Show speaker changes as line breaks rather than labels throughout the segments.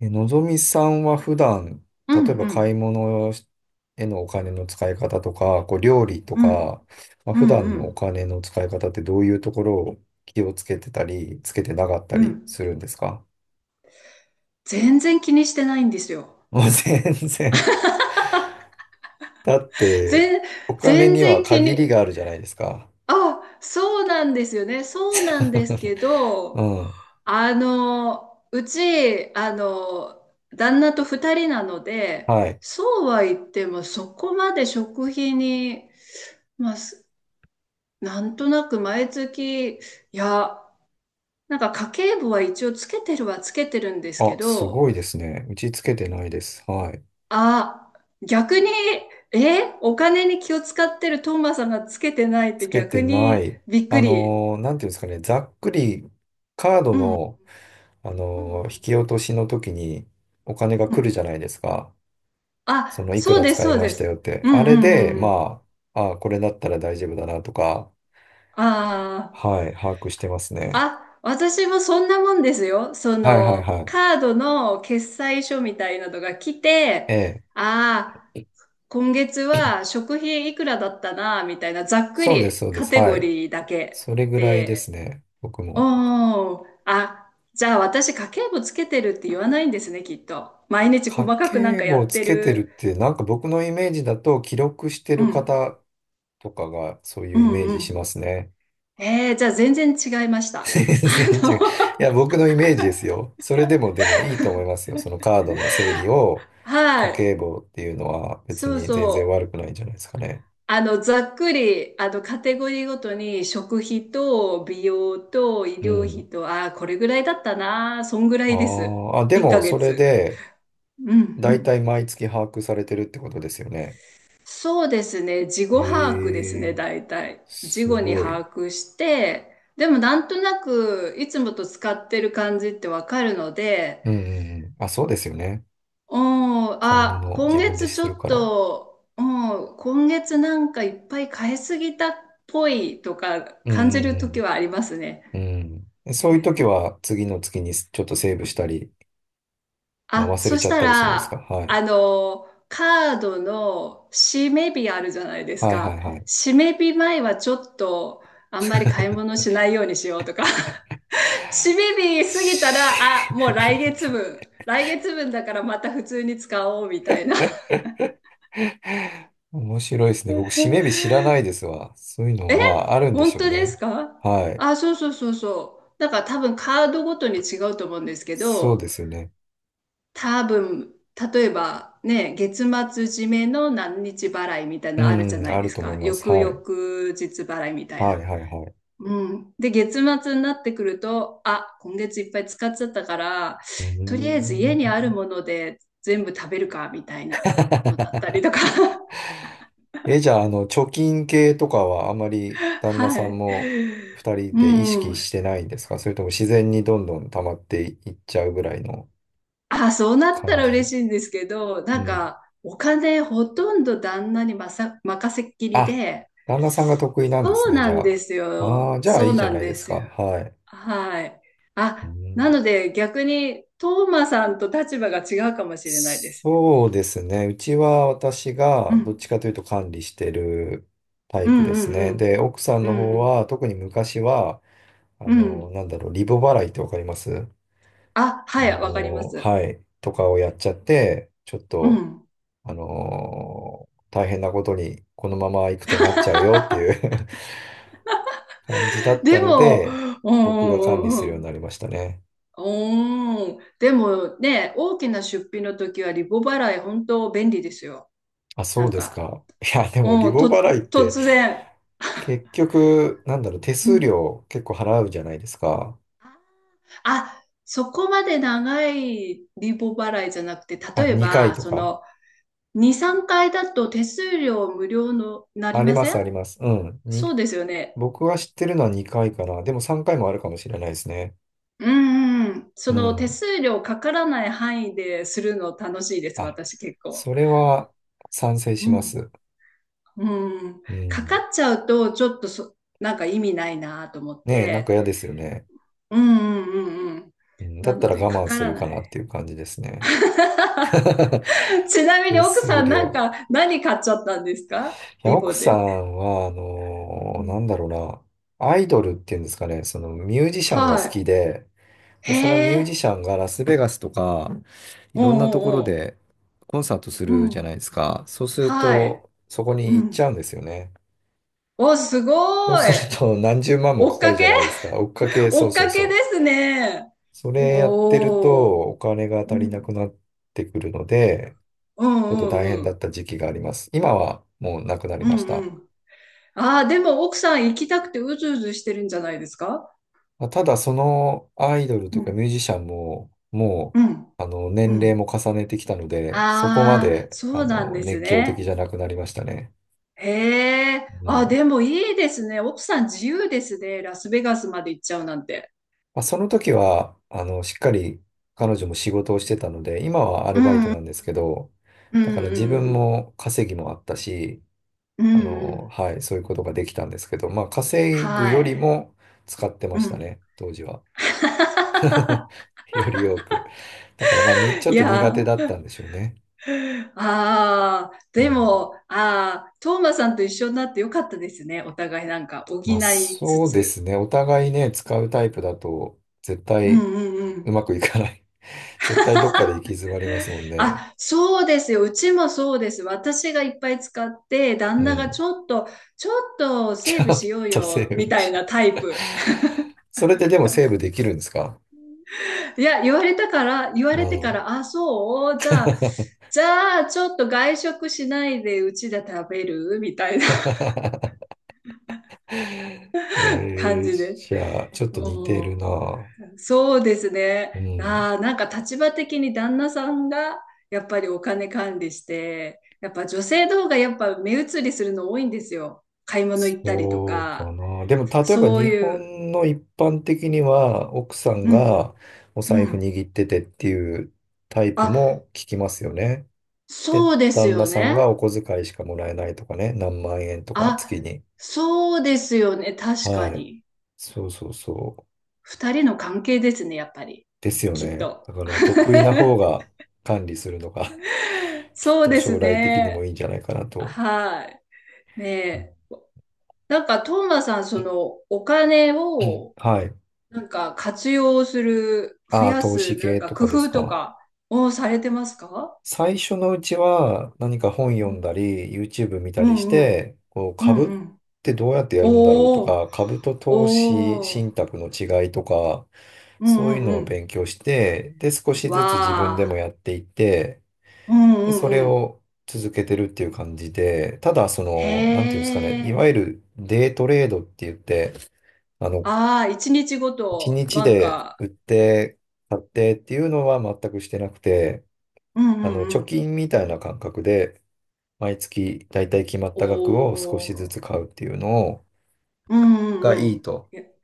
え、のぞみさんは普段、
う
例
ん
えば
う
買い
ん。
物へのお金の使い方とか、こう料理と
うん。
か、
う
普
ん
段
う
のお
ん。
金の使い方ってどういうところを気をつけてたり、つけてなかった
う
り
ん。
するんですか？
全然気にしてないんですよ。
もう全然。だって、
全、
お金
全
には
然気
限
に、
りがあるじゃないですか。
あ、そうなんですよね。そうなんですけ
う
ど、
ん。
うち、旦那と二人なので、
はい。
そうは言っても、そこまで食費に、まあ、なんとなく毎月、いや、なんか家計簿は一応つけてるはつけてるんですけ
あ、す
ど、
ごいですね。打ちつけてないです。はい。
あ、逆に、え、お金に気を使ってるトーマさんがつけてないっ
つ
て
け
逆
てな
に
い。
びっくり。
なんていうんですかね、ざっくりカード
うん、うん、
の、
うん。
引き落としの時にお金が
う
来る
ん、
じゃないですか。そ
あ、
の、いく
そう
ら
です、
使い
そう
ま
で
したよっ
す。
て。
う
あ
ん、
れ
う
で、
ん、うん。
あ、これだったら大丈夫だなとか、
ああ、
はい、把握してますね。
あ、私もそんなもんですよ。そ
はいはい
の、
はい。
カードの決済書みたいなのが来て、
ええ。
ああ、今月は食費いくらだったな、みたいな、ざっく
そうです、
り
そうで
カ
す。
テ
は
ゴ
い。
リーだけ。
それぐらいです
で、
ね。僕も。
おー、あ、じゃあ私家計簿つけてるって言わないんですね、きっと。毎日細
家
かくなん
計
か
簿
や
を
っ
つ
て
けてるっ
る。
て、なんか僕のイメージだと記録して
う
る
ん、
方とかがそう
う
いうイメ
ん、
ー
う
ジしま
ん。
すね。
えー、じゃあ全然違いました。あ
全然違う。い
の、
や、僕のイメージですよ。それでもでもいいと思いますよ。そのカードの整理を
は
家計
い。
簿っていうのは別
そう
に全然
そ
悪
う。
くないんじゃないですかね。
ざっくり、カテゴリーごとに食費と美容と医
う
療
ん。
費と、ああこれぐらいだったな。そんぐら
あ
いです。
ーあ、で
1
も
ヶ
それ
月。
で
うん、う
大
ん、
体毎月把握されてるってことですよね。
そうですね。事後把握です
え
ね、
え、
大体。事
す
後に
ごい。
把握して、でもなんとなくいつもと使ってる感じってわかるので、
うんうんうん。あ、そうですよね。
うん、
買い
あ、
物を
今
自分で
月ち
す
ょ
る
っ
から。
と、うん、今月なんかいっぱい買いすぎたっぽいとか
う
感じる時
ん
はありますね。
うんうん。うん。
え
そういう時
え、
は次の月にちょっとセーブしたり、
あ、
忘れ
そ
ち
し
ゃっ
た
たりするんですか？
ら、
はい。
カードの締め日あるじゃないです
はいはい
か。
はい。
締め日前はちょっと、あんまり買い物しないようにしようとか。締め日過ぎたら、あ、もう
し
来月分。来月分だからまた普通に使おうみたいな。
面白いですね。僕、締め日知らないですわ。そういうのも、
え、
あるんでし
本
ょう
当です
ね。
か。
はい。
あ、そうそうそうそう。だから多分カードごとに違うと思うんですけ
そうで
ど、
すよね。
多分、例えばね、月末締めの何日払いみたい
う
なのあるじゃ
ん、
ない
あ
で
る
す
と思い
か。
ます。
翌
は
々
い。
日払いみたい
はい、
な。
はい、はい。
うん。で、月末になってくると、あ、今月いっぱい使っちゃったから、
うー
とりあえず家にある
ん。
もので全部食べるか、みたいなのだったりとか。
え、じゃあ、貯金系とかはあま り旦那
は
さんも
い。
二人
う
で意識
ん。
してないんですか？それとも自然にどんどん溜まっていっちゃうぐらいの
あ、そうなった
感
ら嬉
じ？
しいんですけど、
う
なん
ん。
か、お金ほとんど旦那に任せっきり
あ、
で、
旦那さんが得意なんで
そ
す
う
ね、じ
な
ゃ
んです
あ。ああ、
よ。
じゃあ
そ
い
う
いじゃ
な
な
ん
いで
で
す
す
か。
よ。
はい。
はい。
う
あ、な
ん、
ので逆に、トーマさんと立場が違うかもしれないです。
そうですね。うちは私
う
がどっ
ん。
ちかというと管理してるタ
う
イプ
ん
です
う
ね。
ん
で、奥さん
う
の方
ん。
は特に昔は、
うん。うん。
なんだろう、リボ払いってわかります？
あ、はい、わかります。
はい、とかをやっちゃって、ちょっ
う
と、
ん。
大変なことにこのまま行くとなっちゃうよっていう 感じだっ
で
たの
も、う
で、
んう
僕が管
ん
理
う
する
んう
ように
ん。
なりましたね。
おー、でもね、大きな出費の時はリボ払い本当便利ですよ。
あ、
な
そう
ん
です
か、
か。いや、でもリ
うん、
ボ
と、
払いって、
突然。
結局、なんだろう、手
う
数
ん。
料結構払うじゃないですか。
あ、そこまで長いリボ払いじゃなくて、
あ、
例え
2回
ば、
と
そ
か。
の、2、3回だと手数料無料のな
あ
り
り
ま
ま
せ
す、
ん、
あります。うん。
そ
に、
うですよね。
僕は知ってるのは2回かな。でも3回もあるかもしれないですね。
うんうん。そ
う
の手
ん。
数料かからない範囲でするの楽しいです、
あ、
私結構。
それは賛成
う
しま
ん
す。
うん。
う
かか
ん。
っちゃうと、ちょっとそ、なんか意味ないなと思っ
ねえ、なんか
て。
嫌ですよね。
うんうんうんうん。
うん、だ
な
った
の
ら
で、か
我慢
か
す
ら
るか
な
な
い。
っていう感じですね。
ちなみに
手
奥さ
数
ん、なん
料。
か、何買っちゃったんですか、
いや、
リボ
奥さ
で。
んは、
う
な
ん、
んだろうな。アイドルっていうんですかね、そのミュージシャンが
は
好き
い。
で、
へ
で、そのミュー
え。
ジシャンがラスベガスとか、い
お
ろ
う
んなところ
おうお
でコンサートす
う。う
るじゃない
ん。
ですか。そうする
はい。
と、そこ
う
に行っち
ん。
ゃうんですよね。
お、す
そう
ご
す
い。
ると、何十万も
追
か
っ
か
か
るじ
け。
ゃないですか。追っ かけ、そ
追
う
っ
そう
かけで
そう。
すね。
それやってると、
おお。
お金が
う
足りなく
ん。
なってくるので、
うん
ちょっ
う
と
ん
大変
う
だ
ん。
った時期があります。今はもうなくなり
う
ま
ん
し
う
た。
ん。ああ、でも奥さん行きたくてうずうずしてるんじゃないですか。
まあ、ただそのアイドルと
う
いうかミュー
ん、
ジシャンも、も
うん、
う、
う
年齢も
ん。
重ねてきたので、そこま
ああ、
で、
そうなんです
熱狂
ね。
的じゃなくなりましたね。
へえ。
う
あ、
ん。
でもいいですね。奥さん自由ですね。ラスベガスまで行っちゃうなんて。
その時は、しっかり彼女も仕事をしてたので、今はアルバイトなんですけど、
うん、う
だから自
ん、う
分
ん、
も稼ぎもあったし、
うん、うん、
はい、そういうことができたんですけど、まあ、稼ぐ
は
より
い。
も使ってま
う
した
ん。
ね、当時は。より多く。だから、ちょっ
い
と苦手
や
だったんでしょうね。
ー、ああ、
う
で
ん、
も、ああ、トーマさんと一緒になってよかったですね。お互いなんか補
まあ
いつ
そうで
つ。
すね。お互いね、使うタイプだと、絶
う
対
んう
う
ん、
まくいかない。絶対どっかで行き詰まりますもんね。
あ、そうですよ。うちもそうです。私がいっぱい使って、
う
旦那が
ん。
ちょっと、ちょっと
ち
セー
ょ
ブ
っ
しよう
とセ
よ、み
ーブ
たい
しよ
なタイ
う。
プ。
それってでもセーブできるんですか？
いや、言わ
う
れてか
ん。
ら、あ、そう、じゃあ、じゃあ、ちょっと外食しないでうちで食べるみたいな、 感
えー、
じです。
じゃあ、ちょっと
う
似てる
ん、
な。
そうですね。
うん。
ああ、なんか立場的に旦那さんがやっぱりお金管理して、やっぱ女性の方がやっぱ目移りするの多いんですよ。買い物行ったりと
そうか
か、
な。でも、例えば
そう
日
いう。
本の一般的には、奥さん
うんう
が
ん。
お
う
財布
ん。
握っててっていうタイプ
あ、
も聞きますよね。で、
そうです
旦那
よ
さん
ね。
がお小遣いしかもらえないとかね、何万円とか月
あ、
に。
そうですよね。確か
はい。
に。
そうそうそう。
二人の関係ですね、やっぱり。
ですよ
きっ
ね。
と。
だから得意な方が管理するのが きっ
そう
と
で
将
す
来的にも
ね。
いいんじゃないかなと。
はい。ねえ。なんか、トーマさん、その、お金を
はい。
なんか活用する、増
ああ、
や
投
す、
資
なん
系
か
と
工
かです
夫と
か？
かをされてますか。
最初のうちは何か本
う
読ん
ん。
だり、YouTube 見た
う
りし
んうん。
て、こう
う
株
んう
っ
ん。
てどうやってやるんだろうと
おー、
か、株と投資
おー。
信託の違いとか、
うん
そ
う
ういう
ん
の
う
を
ん。
勉強して、で、少し
わ
ずつ自分でも
あ。
やっていって、
うんう
で、そ
ん
れ
うん。
を続けてるっていう感じで、ただそ
へ
の、なんていうんですかね、いわ
え。
ゆるデイトレードって言って、あの、
ああ、一日ご
一
と、
日
なん
で
か、
売って、買ってっていうのは全くしてなくて、
うんうんう
貯
ん。
金みたいな感覚で、毎月だいたい決まった額を少
お
しず
ー。
つ買うっていうのを、
うんう
が
んう
いい
ん。
と
え、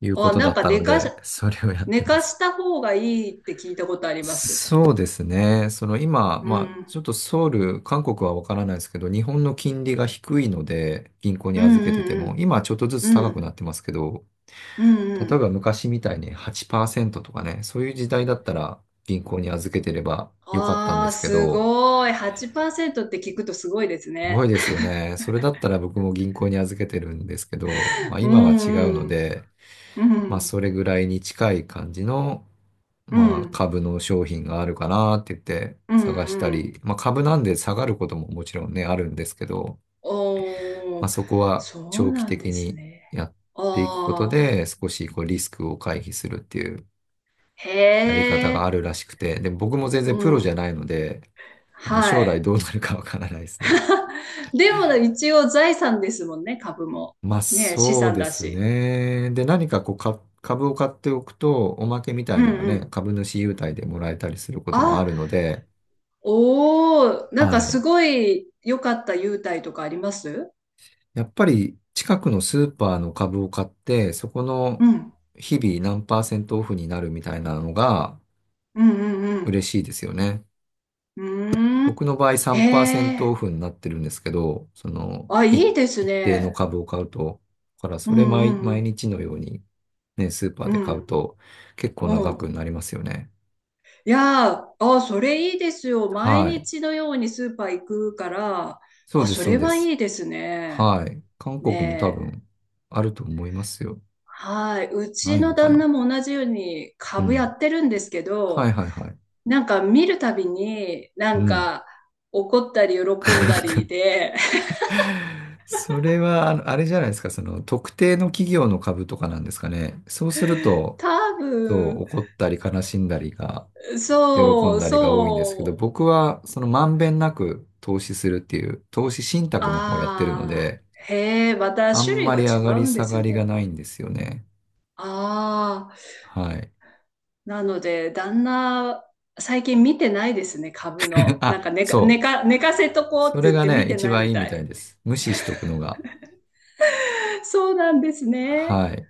いうこ
あ、
と
な
だ
ん
っ
か
たので、それをやっ
寝
てま
か
す。
した方がいいって聞いたことあります。
そうですね。その今、
うん。
ちょっとソウル、韓国はわからないですけど、日本の金利が低いので、銀行に
うん
預けてて
う
も、
ん
今はちょっとず
う
つ
ん。う
高く
ん。
なってますけど、
うんう
例え
ん。
ば昔みたいに8%とかね、そういう時代だったら銀行に預けてればよかったん
あ
で
あ、
すけ
す
ど、
ごい。8%って聞くとすごいです
すご
ね。
いですよね。それだったら僕も銀行に預けてるんですけど、まあ
う
今は違う
ん
の
うん。
で、
うん。
それぐらいに近い感じの、
うん。
株の商品があるかなって言って
うん
探した
うん。
り、まあ、株なんで下がることももちろんね、あるんですけど、
お
まあ、
お、
そこは
そう
長期
なん
的
です
に
ね。
やっていくこと
ああ、
で、少しこうリスクを回避するっていう
へ
やり方があ
え。
るらしくて、で、僕も全然
う
プロじゃ
ん。
ないので、
は
将来
い。
どうなるかわからないですね。
でも一応財産ですもんね、株も。
まあ、
ね、資
そう
産
で
だ
す
し。
ね。で、何かこう、株を買っておくと、おまけみた
う
い
ん
のが
う
ね、
ん。
株主優待でもらえたりすることもあ
あ、
るので、
おお、なんか
はい。
すごい良かった優待とかあります
やっぱり近くのスーパーの株を買って、そこの
うん。
日々何パーセントオフになるみたいなのが
うんうん
嬉しいですよね。
うん。うーん。
僕の場合
へ
3%オ
え。
フになってるんですけど、その
あ、
い
いいです
一定の
ね。
株を買うと、だから
う
それ
んう
毎
ん
日のようにね、スーパー
う
で買う
ん。
と結構
う
な
ん。う
額
ん。
になりますよね。
いやー、あ、それいいですよ。毎
はい。
日のようにスーパー行くから、
そう
あ、
です、
そ
そう
れ
で
は
す。
いいですね。
はい。韓国も多
ねえ。
分あると思いますよ。
はい。う
な
ち
い
の
のか
旦
な。
那も同じように
う
株や
ん。
ってるんですけ
はい
ど、
はいはい。
なんか見るたびに、な
う
ん
ん。
か怒ったり喜んだりで、
それは、あのあれじゃないですか、その特定の企業の株とかなんですかね。そうする と、
多
そう、
分、
怒ったり悲しんだりが、喜んだりが多いんですけど、
そう、
僕はそのまんべんなく投資するっていう、投資信託の方をやってるの
あ
で、
あ、へえ、また
あ
種
ん
類
ま
が
り上
違
が
う
り
んで
下が
す
りが
ね。
ないんですよね。
ああ、
はい。
なので、旦那、最近見てないですね、株 の。な
あ、
んか
そう。
寝かせとこう
そ
って
れ
言っ
が
て見
ね、
て
一
ない
番
み
いいみ
た
た
い。
いです。無視しとくのが。
そうなんですね。
はい。